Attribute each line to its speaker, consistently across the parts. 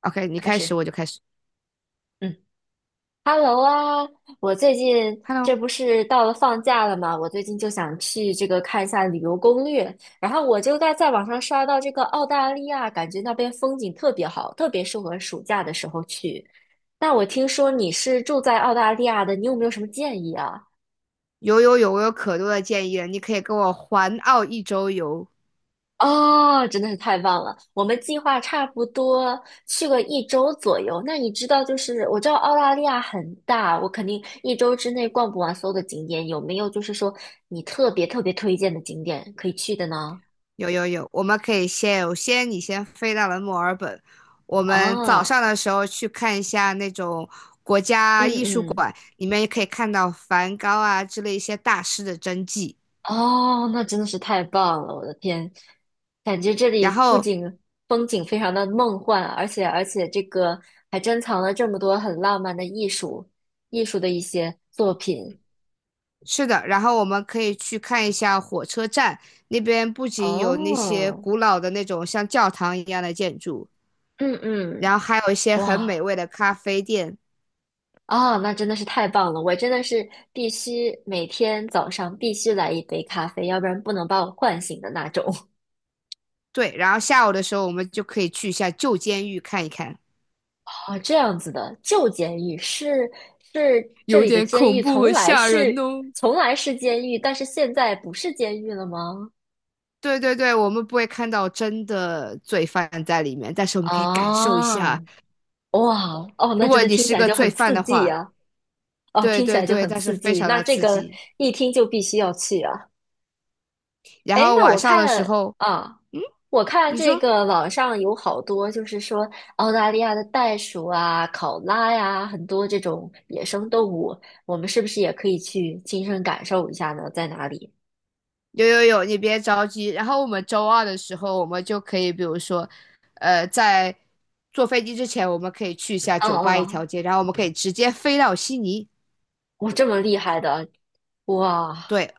Speaker 1: OK，你
Speaker 2: 开
Speaker 1: 开始
Speaker 2: 始，
Speaker 1: 我就开始。
Speaker 2: 嗯，Hello 啊，我最近这
Speaker 1: Hello，
Speaker 2: 不是到了放假了吗？我最近就想去这个看一下旅游攻略，然后我就在网上刷到这个澳大利亚，感觉那边风景特别好，特别适合暑假的时候去。那我听说你是住在澳大利亚的，你有没有什么建议啊？
Speaker 1: 有有有，我有可多的建议了，你可以跟我环澳一周游。
Speaker 2: 哦，真的是太棒了！我们计划差不多去个一周左右。那你知道，就是我知道澳大利亚很大，我肯定一周之内逛不完所有的景点。有没有就是说你特别特别推荐的景点可以去的呢？
Speaker 1: 有有有，我们可以先有先你先飞到了墨尔本，我们早
Speaker 2: 啊，
Speaker 1: 上的时候去看一下那种国家
Speaker 2: 嗯
Speaker 1: 艺术
Speaker 2: 嗯，
Speaker 1: 馆，里面也可以看到梵高啊之类一些大师的真迹。
Speaker 2: 哦，那真的是太棒了！我的天，感觉这
Speaker 1: 然
Speaker 2: 里不
Speaker 1: 后
Speaker 2: 仅风景非常的梦幻，而且这个还珍藏了这么多很浪漫的艺术的一些作品。
Speaker 1: 是的，然后我们可以去看一下火车站，那边不仅有那些
Speaker 2: 哦，
Speaker 1: 古老的那种像教堂一样的建筑，
Speaker 2: 嗯嗯，
Speaker 1: 然后还有一些很美
Speaker 2: 哇
Speaker 1: 味的咖啡店。
Speaker 2: 啊，那真的是太棒了！我真的是必须每天早上必须来一杯咖啡，要不然不能把我唤醒的那种。
Speaker 1: 对，然后下午的时候我们就可以去一下旧监狱看一看。
Speaker 2: 哦，这样子的，旧监狱是这
Speaker 1: 有
Speaker 2: 里的
Speaker 1: 点
Speaker 2: 监
Speaker 1: 恐
Speaker 2: 狱，
Speaker 1: 怖
Speaker 2: 从
Speaker 1: 和
Speaker 2: 来
Speaker 1: 吓
Speaker 2: 是
Speaker 1: 人哦。
Speaker 2: 从来是监狱，但是现在不是监狱了吗？
Speaker 1: 对对对，我们不会看到真的罪犯在里面，但是我们可以感受一
Speaker 2: 啊，
Speaker 1: 下，
Speaker 2: 哇哦，
Speaker 1: 如
Speaker 2: 那真
Speaker 1: 果
Speaker 2: 的
Speaker 1: 你
Speaker 2: 听
Speaker 1: 是
Speaker 2: 起来
Speaker 1: 个
Speaker 2: 就
Speaker 1: 罪
Speaker 2: 很
Speaker 1: 犯
Speaker 2: 刺
Speaker 1: 的
Speaker 2: 激
Speaker 1: 话，
Speaker 2: 呀、哦，
Speaker 1: 对
Speaker 2: 听起
Speaker 1: 对
Speaker 2: 来就
Speaker 1: 对，
Speaker 2: 很
Speaker 1: 但是
Speaker 2: 刺
Speaker 1: 非
Speaker 2: 激，
Speaker 1: 常
Speaker 2: 那
Speaker 1: 的
Speaker 2: 这
Speaker 1: 刺
Speaker 2: 个
Speaker 1: 激。
Speaker 2: 一听就必须要去啊。
Speaker 1: 然
Speaker 2: 哎，
Speaker 1: 后
Speaker 2: 那
Speaker 1: 晚
Speaker 2: 我
Speaker 1: 上的时
Speaker 2: 看
Speaker 1: 候，
Speaker 2: 啊，
Speaker 1: 嗯，
Speaker 2: 我看
Speaker 1: 你
Speaker 2: 这
Speaker 1: 说
Speaker 2: 个网上有好多，就是说澳大利亚的袋鼠啊、考拉呀、很多这种野生动物，我们是不是也可以去亲身感受一下呢？在哪里？
Speaker 1: 有有有，你别着急。然后我们周二的时候，我们就可以，比如说，在坐飞机之前，我们可以去一下
Speaker 2: 嗯
Speaker 1: 酒吧一
Speaker 2: 嗯，
Speaker 1: 条街，然后我们可以直接飞到悉尼。
Speaker 2: 我这么厉害的，哇，
Speaker 1: 对，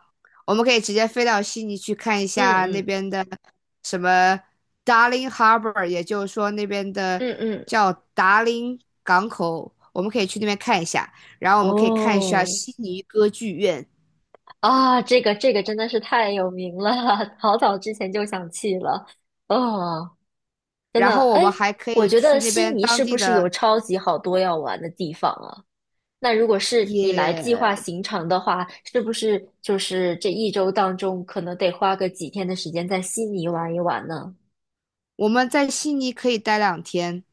Speaker 1: 我们可以直接飞到悉尼去看一
Speaker 2: 嗯
Speaker 1: 下那
Speaker 2: 嗯
Speaker 1: 边的什么 Darling Harbour,也就是说那边的
Speaker 2: 嗯嗯，
Speaker 1: 叫达林港口，我们可以去那边看一下。然后我们可以看一下
Speaker 2: 哦
Speaker 1: 悉尼歌剧院，
Speaker 2: 啊，这个真的是太有名了，好早之前就想去了，哦。真
Speaker 1: 然
Speaker 2: 的，
Speaker 1: 后我
Speaker 2: 哎，
Speaker 1: 们还可
Speaker 2: 我
Speaker 1: 以
Speaker 2: 觉得
Speaker 1: 去那
Speaker 2: 悉
Speaker 1: 边
Speaker 2: 尼
Speaker 1: 当
Speaker 2: 是
Speaker 1: 地
Speaker 2: 不是有
Speaker 1: 的
Speaker 2: 超级好多要玩的地方啊？那如果是你来计划
Speaker 1: 野
Speaker 2: 行程的话，是不是就是这一周当中可能得花个几天的时间在悉尼玩一玩呢？
Speaker 1: 我们在悉尼可以待两天，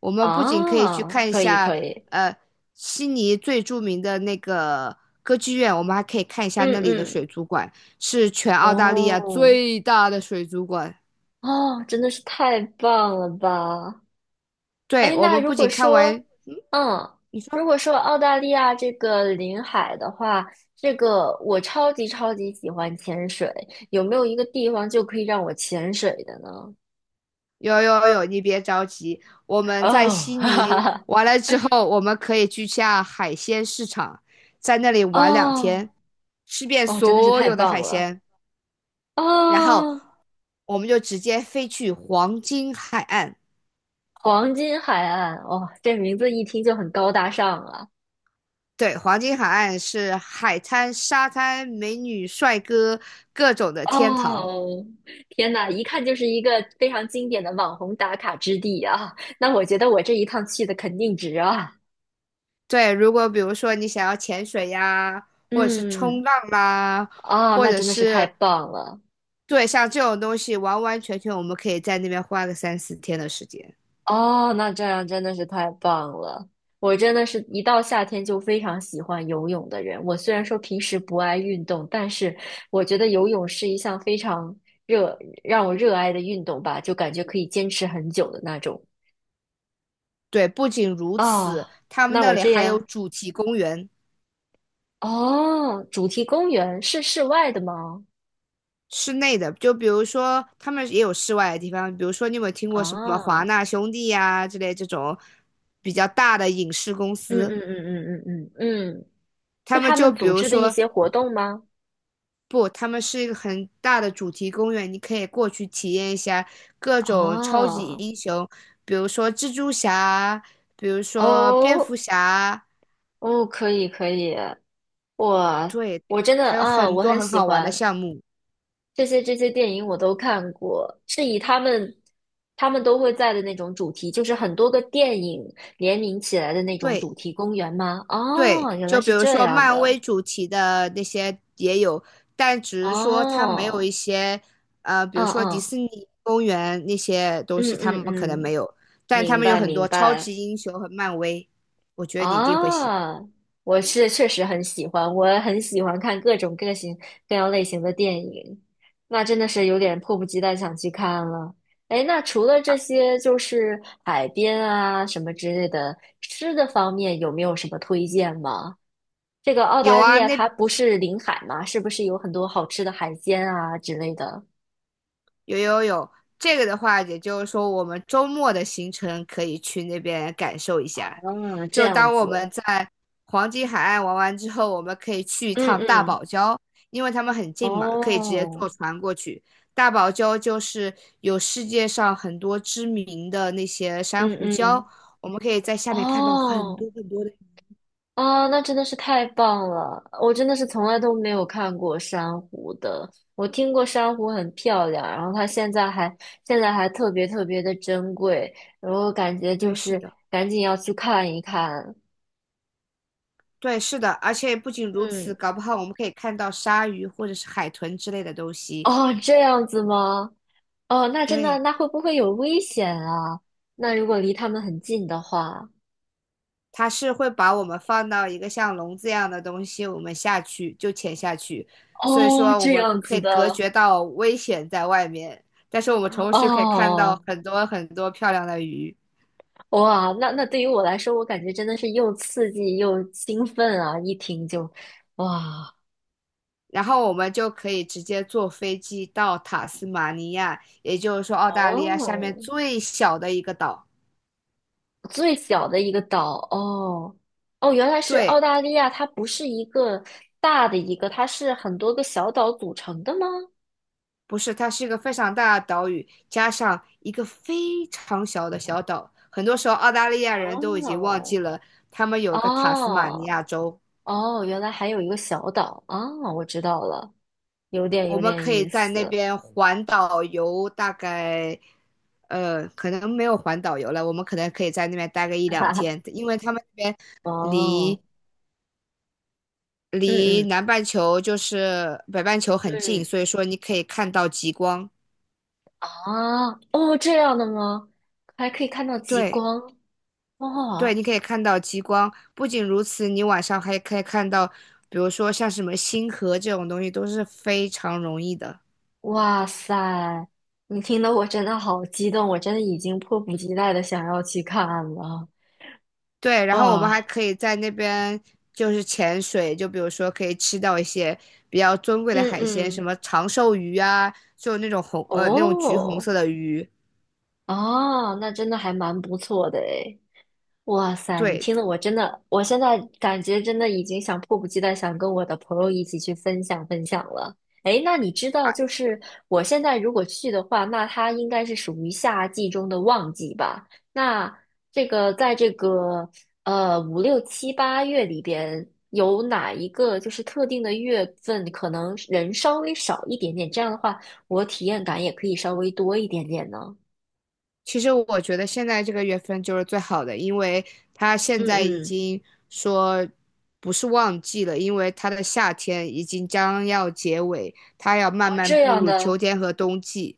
Speaker 1: 我们不仅可以去
Speaker 2: 啊，
Speaker 1: 看一
Speaker 2: 可以
Speaker 1: 下，
Speaker 2: 可以，
Speaker 1: 呃，悉尼最著名的那个歌剧院，我们还可以看一下
Speaker 2: 嗯
Speaker 1: 那里的水
Speaker 2: 嗯，
Speaker 1: 族馆，是全澳大利亚
Speaker 2: 哦
Speaker 1: 最大的水族馆。
Speaker 2: 哦，真的是太棒了吧！
Speaker 1: 对，
Speaker 2: 哎，
Speaker 1: 我
Speaker 2: 那
Speaker 1: 们
Speaker 2: 如
Speaker 1: 不
Speaker 2: 果
Speaker 1: 仅看
Speaker 2: 说，
Speaker 1: 完，
Speaker 2: 嗯，
Speaker 1: 你
Speaker 2: 如
Speaker 1: 说
Speaker 2: 果说澳大利亚这个临海的话，这个我超级超级喜欢潜水，有没有一个地方就可以让我潜水的呢？
Speaker 1: 有有有，你别着急，我们在
Speaker 2: 哦，
Speaker 1: 悉
Speaker 2: 哈哈
Speaker 1: 尼
Speaker 2: 哈，
Speaker 1: 完了之后，我们可以去下海鲜市场，在那里玩两
Speaker 2: 哦，
Speaker 1: 天，吃遍
Speaker 2: 哦，真的是
Speaker 1: 所
Speaker 2: 太
Speaker 1: 有的
Speaker 2: 棒
Speaker 1: 海
Speaker 2: 了！
Speaker 1: 鲜。然后
Speaker 2: 哦，
Speaker 1: 我们就直接飞去黄金海岸。
Speaker 2: 黄金海岸，哇哦，这名字一听就很高大上啊！
Speaker 1: 对，黄金海岸是海滩、沙滩、美女、帅哥各种的天堂。
Speaker 2: 哦，天哪，一看就是一个非常经典的网红打卡之地啊！那我觉得我这一趟去的肯定值啊！
Speaker 1: 对，如果比如说你想要潜水呀，或者是
Speaker 2: 嗯。
Speaker 1: 冲浪啦，
Speaker 2: 啊，
Speaker 1: 或
Speaker 2: 那
Speaker 1: 者
Speaker 2: 真的是太
Speaker 1: 是
Speaker 2: 棒了！
Speaker 1: 对像这种东西，完完全全我们可以在那边花个3、4天的时间。
Speaker 2: 哦，那这样真的是太棒了。我真的是一到夏天就非常喜欢游泳的人。我虽然说平时不爱运动，但是我觉得游泳是一项非常让我热爱的运动吧，就感觉可以坚持很久的那种。
Speaker 1: 对，不仅如此，
Speaker 2: 啊，
Speaker 1: 他们
Speaker 2: 那
Speaker 1: 那
Speaker 2: 我
Speaker 1: 里
Speaker 2: 这
Speaker 1: 还有
Speaker 2: 样，
Speaker 1: 主题公园。
Speaker 2: 哦，主题公园是室外的吗？
Speaker 1: 室内的，就比如说他们也有室外的地方，比如说你有没有听过什么
Speaker 2: 啊，
Speaker 1: 华
Speaker 2: 嗯
Speaker 1: 纳兄弟呀、之类这种比较大的影视公
Speaker 2: 嗯
Speaker 1: 司，
Speaker 2: 嗯嗯嗯嗯嗯，是
Speaker 1: 他们
Speaker 2: 他
Speaker 1: 就
Speaker 2: 们
Speaker 1: 比
Speaker 2: 组
Speaker 1: 如
Speaker 2: 织的一
Speaker 1: 说
Speaker 2: 些活动吗？
Speaker 1: 不，他们是一个很大的主题公园，你可以过去体验一下各种超级
Speaker 2: 哦
Speaker 1: 英雄，比如说蜘蛛侠，比如说蝙蝠
Speaker 2: 哦，
Speaker 1: 侠，
Speaker 2: 哦，可以可以，我
Speaker 1: 对，
Speaker 2: 我真的
Speaker 1: 它有
Speaker 2: 啊，
Speaker 1: 很
Speaker 2: 我
Speaker 1: 多
Speaker 2: 很
Speaker 1: 很
Speaker 2: 喜
Speaker 1: 好玩的
Speaker 2: 欢
Speaker 1: 项目，
Speaker 2: 这些电影，我都看过，是以他们都会在的那种主题，就是很多个电影联名起来的那种
Speaker 1: 对。
Speaker 2: 主题公园吗？
Speaker 1: 对，
Speaker 2: 哦，原来
Speaker 1: 就比
Speaker 2: 是
Speaker 1: 如
Speaker 2: 这
Speaker 1: 说
Speaker 2: 样
Speaker 1: 漫
Speaker 2: 的，
Speaker 1: 威主题的那些也有，但只是说它没有
Speaker 2: 哦，
Speaker 1: 一些，比
Speaker 2: 嗯
Speaker 1: 如说迪
Speaker 2: 嗯
Speaker 1: 士尼公园那些东
Speaker 2: 嗯
Speaker 1: 西，他
Speaker 2: 嗯
Speaker 1: 们可能没
Speaker 2: 嗯，
Speaker 1: 有，但他
Speaker 2: 明
Speaker 1: 们有
Speaker 2: 白
Speaker 1: 很
Speaker 2: 明
Speaker 1: 多超
Speaker 2: 白。
Speaker 1: 级英雄和漫威，我觉得你一定会喜欢。
Speaker 2: 啊，我是确实很喜欢，我很喜欢看各样类型的电影，那真的是有点迫不及待想去看了。哎，那除了这些，就是海边啊什么之类的，吃的方面有没有什么推荐吗？这个澳
Speaker 1: 有
Speaker 2: 大利
Speaker 1: 啊，
Speaker 2: 亚
Speaker 1: 那
Speaker 2: 它不是临海吗？是不是有很多好吃的海鲜啊之类的？
Speaker 1: 有有有，这个的话，也就是说我们周末的行程可以去那边感受一下。
Speaker 2: 啊，这
Speaker 1: 就
Speaker 2: 样
Speaker 1: 当我们
Speaker 2: 子，
Speaker 1: 在黄金海岸玩完之后，我们可以去一
Speaker 2: 嗯
Speaker 1: 趟大
Speaker 2: 嗯，
Speaker 1: 堡礁，因为他们很近嘛，可以直接坐
Speaker 2: 哦，
Speaker 1: 船过去。大堡礁就是有世界上很多知名的那些珊
Speaker 2: 嗯
Speaker 1: 瑚礁，
Speaker 2: 嗯，
Speaker 1: 我们可以在下面看到很
Speaker 2: 哦。
Speaker 1: 多很多的。
Speaker 2: 啊，那真的是太棒了！我真的是从来都没有看过珊瑚的。我听过珊瑚很漂亮，然后它现在还特别特别的珍贵，然后感觉就
Speaker 1: 对，是
Speaker 2: 是
Speaker 1: 的，
Speaker 2: 赶紧要去看一看。
Speaker 1: 对，是的，而且不仅如此，
Speaker 2: 嗯，
Speaker 1: 搞不好我们可以看到鲨鱼或者是海豚之类的东 西。
Speaker 2: 哦，这样子吗？哦，那真的，
Speaker 1: 对。
Speaker 2: 那会不会有危险啊？那如果离它们很近的话，
Speaker 1: 它是会把我们放到一个像笼子一样的东西，我们下去就潜下去，所以
Speaker 2: 哦，
Speaker 1: 说我
Speaker 2: 这
Speaker 1: 们
Speaker 2: 样
Speaker 1: 可
Speaker 2: 子
Speaker 1: 以隔
Speaker 2: 的，
Speaker 1: 绝到危险在外面，但是我们同时可以看到
Speaker 2: 哦。
Speaker 1: 很多很多漂亮的鱼，
Speaker 2: 哇，那对于我来说，我感觉真的是又刺激又兴奋啊！一听就，哇，
Speaker 1: 然后我们就可以直接坐飞机到塔斯马尼亚，也就是说澳大利亚下面
Speaker 2: 哦，
Speaker 1: 最小的一个岛。
Speaker 2: 最小的一个岛，哦哦，原来是澳
Speaker 1: 对，
Speaker 2: 大利亚，它不是一个大的一个，它是很多个小岛组成的吗？
Speaker 1: 不是，它是一个非常大的岛屿，加上一个非常小的小岛。很多时候，澳大利亚人都已经忘
Speaker 2: 哦，
Speaker 1: 记了他们有一个塔斯马尼
Speaker 2: 哦
Speaker 1: 亚州。
Speaker 2: 哦，原来还有一个小岛啊，我知道了，有点
Speaker 1: 我
Speaker 2: 有
Speaker 1: 们
Speaker 2: 点
Speaker 1: 可以
Speaker 2: 意
Speaker 1: 在那
Speaker 2: 思，
Speaker 1: 边环岛游，大概可能没有环岛游了，我们可能可以在那边待个一 两
Speaker 2: 哈哈，
Speaker 1: 天，因为他们那边
Speaker 2: 哦，
Speaker 1: 离
Speaker 2: 嗯
Speaker 1: 离
Speaker 2: 嗯。
Speaker 1: 南半球就是北半球很近，
Speaker 2: 嗯。
Speaker 1: 所以说你可以看到极光。
Speaker 2: 啊，哦，这样的吗？还可以看到极
Speaker 1: 对。
Speaker 2: 光
Speaker 1: 对，
Speaker 2: 哦！
Speaker 1: 你可以看到极光。不仅如此，你晚上还可以看到，比如说像什么星河这种东西，都是非常容易的。
Speaker 2: 哇塞，你听得我真的好激动，我真的已经迫不及待的想要去看了
Speaker 1: 对，然后我们还
Speaker 2: 啊！
Speaker 1: 可以在那边就是潜水，就比如说可以吃到一些比较尊贵的
Speaker 2: 嗯
Speaker 1: 海鲜，什
Speaker 2: 嗯，
Speaker 1: 么长寿鱼啊，就那种橘红
Speaker 2: 哦，
Speaker 1: 色的鱼。
Speaker 2: 啊，那真的还蛮不错的诶。哇塞，你
Speaker 1: 对，
Speaker 2: 听得我真的，我现在感觉真的已经想迫不及待想跟我的朋友一起去分享分享了。诶，那你知道，就是我现在如果去的话，那它应该是属于夏季中的旺季吧？那这个在这个五六七八月里边，有哪一个就是特定的月份可能人稍微少一点点？这样的话，我体验感也可以稍微多一点点呢。
Speaker 1: 其实我觉得现在这个月份就是最好的，因为它现
Speaker 2: 嗯
Speaker 1: 在已
Speaker 2: 嗯，
Speaker 1: 经说不是旺季了，因为它的夏天已经将要结尾，它要慢慢
Speaker 2: 这
Speaker 1: 步
Speaker 2: 样
Speaker 1: 入
Speaker 2: 的。
Speaker 1: 秋天和冬季。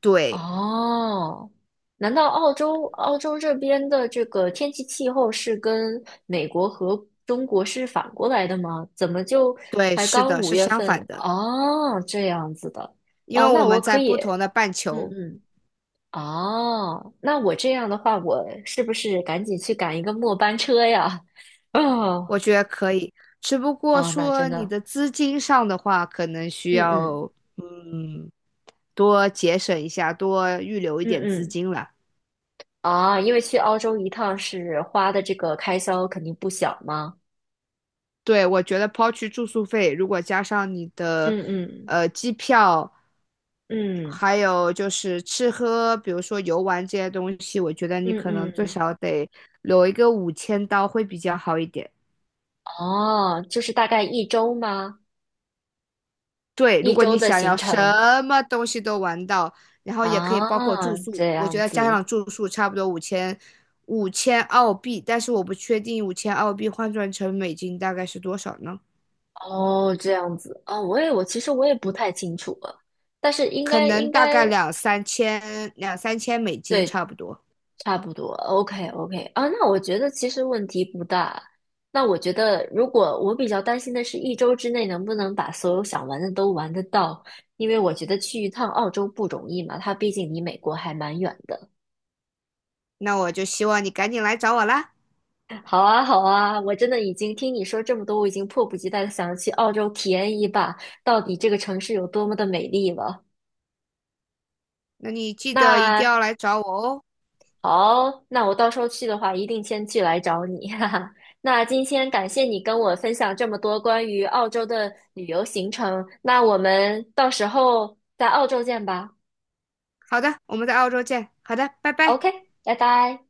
Speaker 1: 对，
Speaker 2: 哦，难道澳洲这边的这个天气气候是跟美国和中国是反过来的吗？怎么就
Speaker 1: 对，
Speaker 2: 才
Speaker 1: 是
Speaker 2: 刚
Speaker 1: 的，
Speaker 2: 五
Speaker 1: 是
Speaker 2: 月
Speaker 1: 相
Speaker 2: 份？
Speaker 1: 反的，
Speaker 2: 哦，这样子的。
Speaker 1: 因为
Speaker 2: 哦，
Speaker 1: 我
Speaker 2: 那我
Speaker 1: 们
Speaker 2: 可
Speaker 1: 在
Speaker 2: 以，
Speaker 1: 不同的半
Speaker 2: 嗯
Speaker 1: 球，
Speaker 2: 嗯，哦，那我这样的话，我是不是赶紧去赶一个末班车呀？哦，
Speaker 1: 我觉得可以。只不过
Speaker 2: 哦，那
Speaker 1: 说
Speaker 2: 真
Speaker 1: 你
Speaker 2: 的，
Speaker 1: 的资金上的话，可能需
Speaker 2: 嗯嗯
Speaker 1: 要嗯多节省一下，多预留一
Speaker 2: 嗯
Speaker 1: 点资
Speaker 2: 嗯，
Speaker 1: 金了。
Speaker 2: 啊，因为去澳洲一趟是花的这个开销肯定不小嘛。
Speaker 1: 对，我觉得抛去住宿费，如果加上你的
Speaker 2: 嗯嗯。
Speaker 1: 机票，
Speaker 2: 嗯
Speaker 1: 还有就是吃喝，比如说游玩这些东西，我觉得你
Speaker 2: 嗯
Speaker 1: 可能最
Speaker 2: 嗯，
Speaker 1: 少得留一个5000刀会比较好一点。
Speaker 2: 哦，就是大概一周吗？
Speaker 1: 对，
Speaker 2: 一
Speaker 1: 如果
Speaker 2: 周
Speaker 1: 你
Speaker 2: 的
Speaker 1: 想
Speaker 2: 行
Speaker 1: 要什
Speaker 2: 程
Speaker 1: 么东西都玩到，然后也可以包括
Speaker 2: 啊，
Speaker 1: 住宿，
Speaker 2: 这
Speaker 1: 我觉
Speaker 2: 样
Speaker 1: 得加
Speaker 2: 子，
Speaker 1: 上住宿差不多五千澳币，但是我不确定五千澳币换算成美金大概是多少呢？
Speaker 2: 哦，这样子，啊，我其实我也不太清楚了，但是应
Speaker 1: 可
Speaker 2: 该
Speaker 1: 能
Speaker 2: 应
Speaker 1: 大概
Speaker 2: 该
Speaker 1: 两三千美金差
Speaker 2: 对，
Speaker 1: 不多。
Speaker 2: 差不多，OK OK 啊，那我觉得其实问题不大。那我觉得，如果我比较担心的是一周之内能不能把所有想玩的都玩得到，因为我觉得去一趟澳洲不容易嘛，它毕竟离美国还蛮远的。
Speaker 1: 那我就希望你赶紧来找我啦。
Speaker 2: 好啊，好啊，我真的已经听你说这么多，我已经迫不及待的想去澳洲体验一把，到底这个城市有多么的美丽了。
Speaker 1: 那你记得一定
Speaker 2: 那
Speaker 1: 要来找我哦。
Speaker 2: 好，那我到时候去的话，一定先去来找你，哈哈。那今天感谢你跟我分享这么多关于澳洲的旅游行程，那我们到时候在澳洲见吧。
Speaker 1: 好的，我们在澳洲见。好的，拜拜。
Speaker 2: OK，拜拜。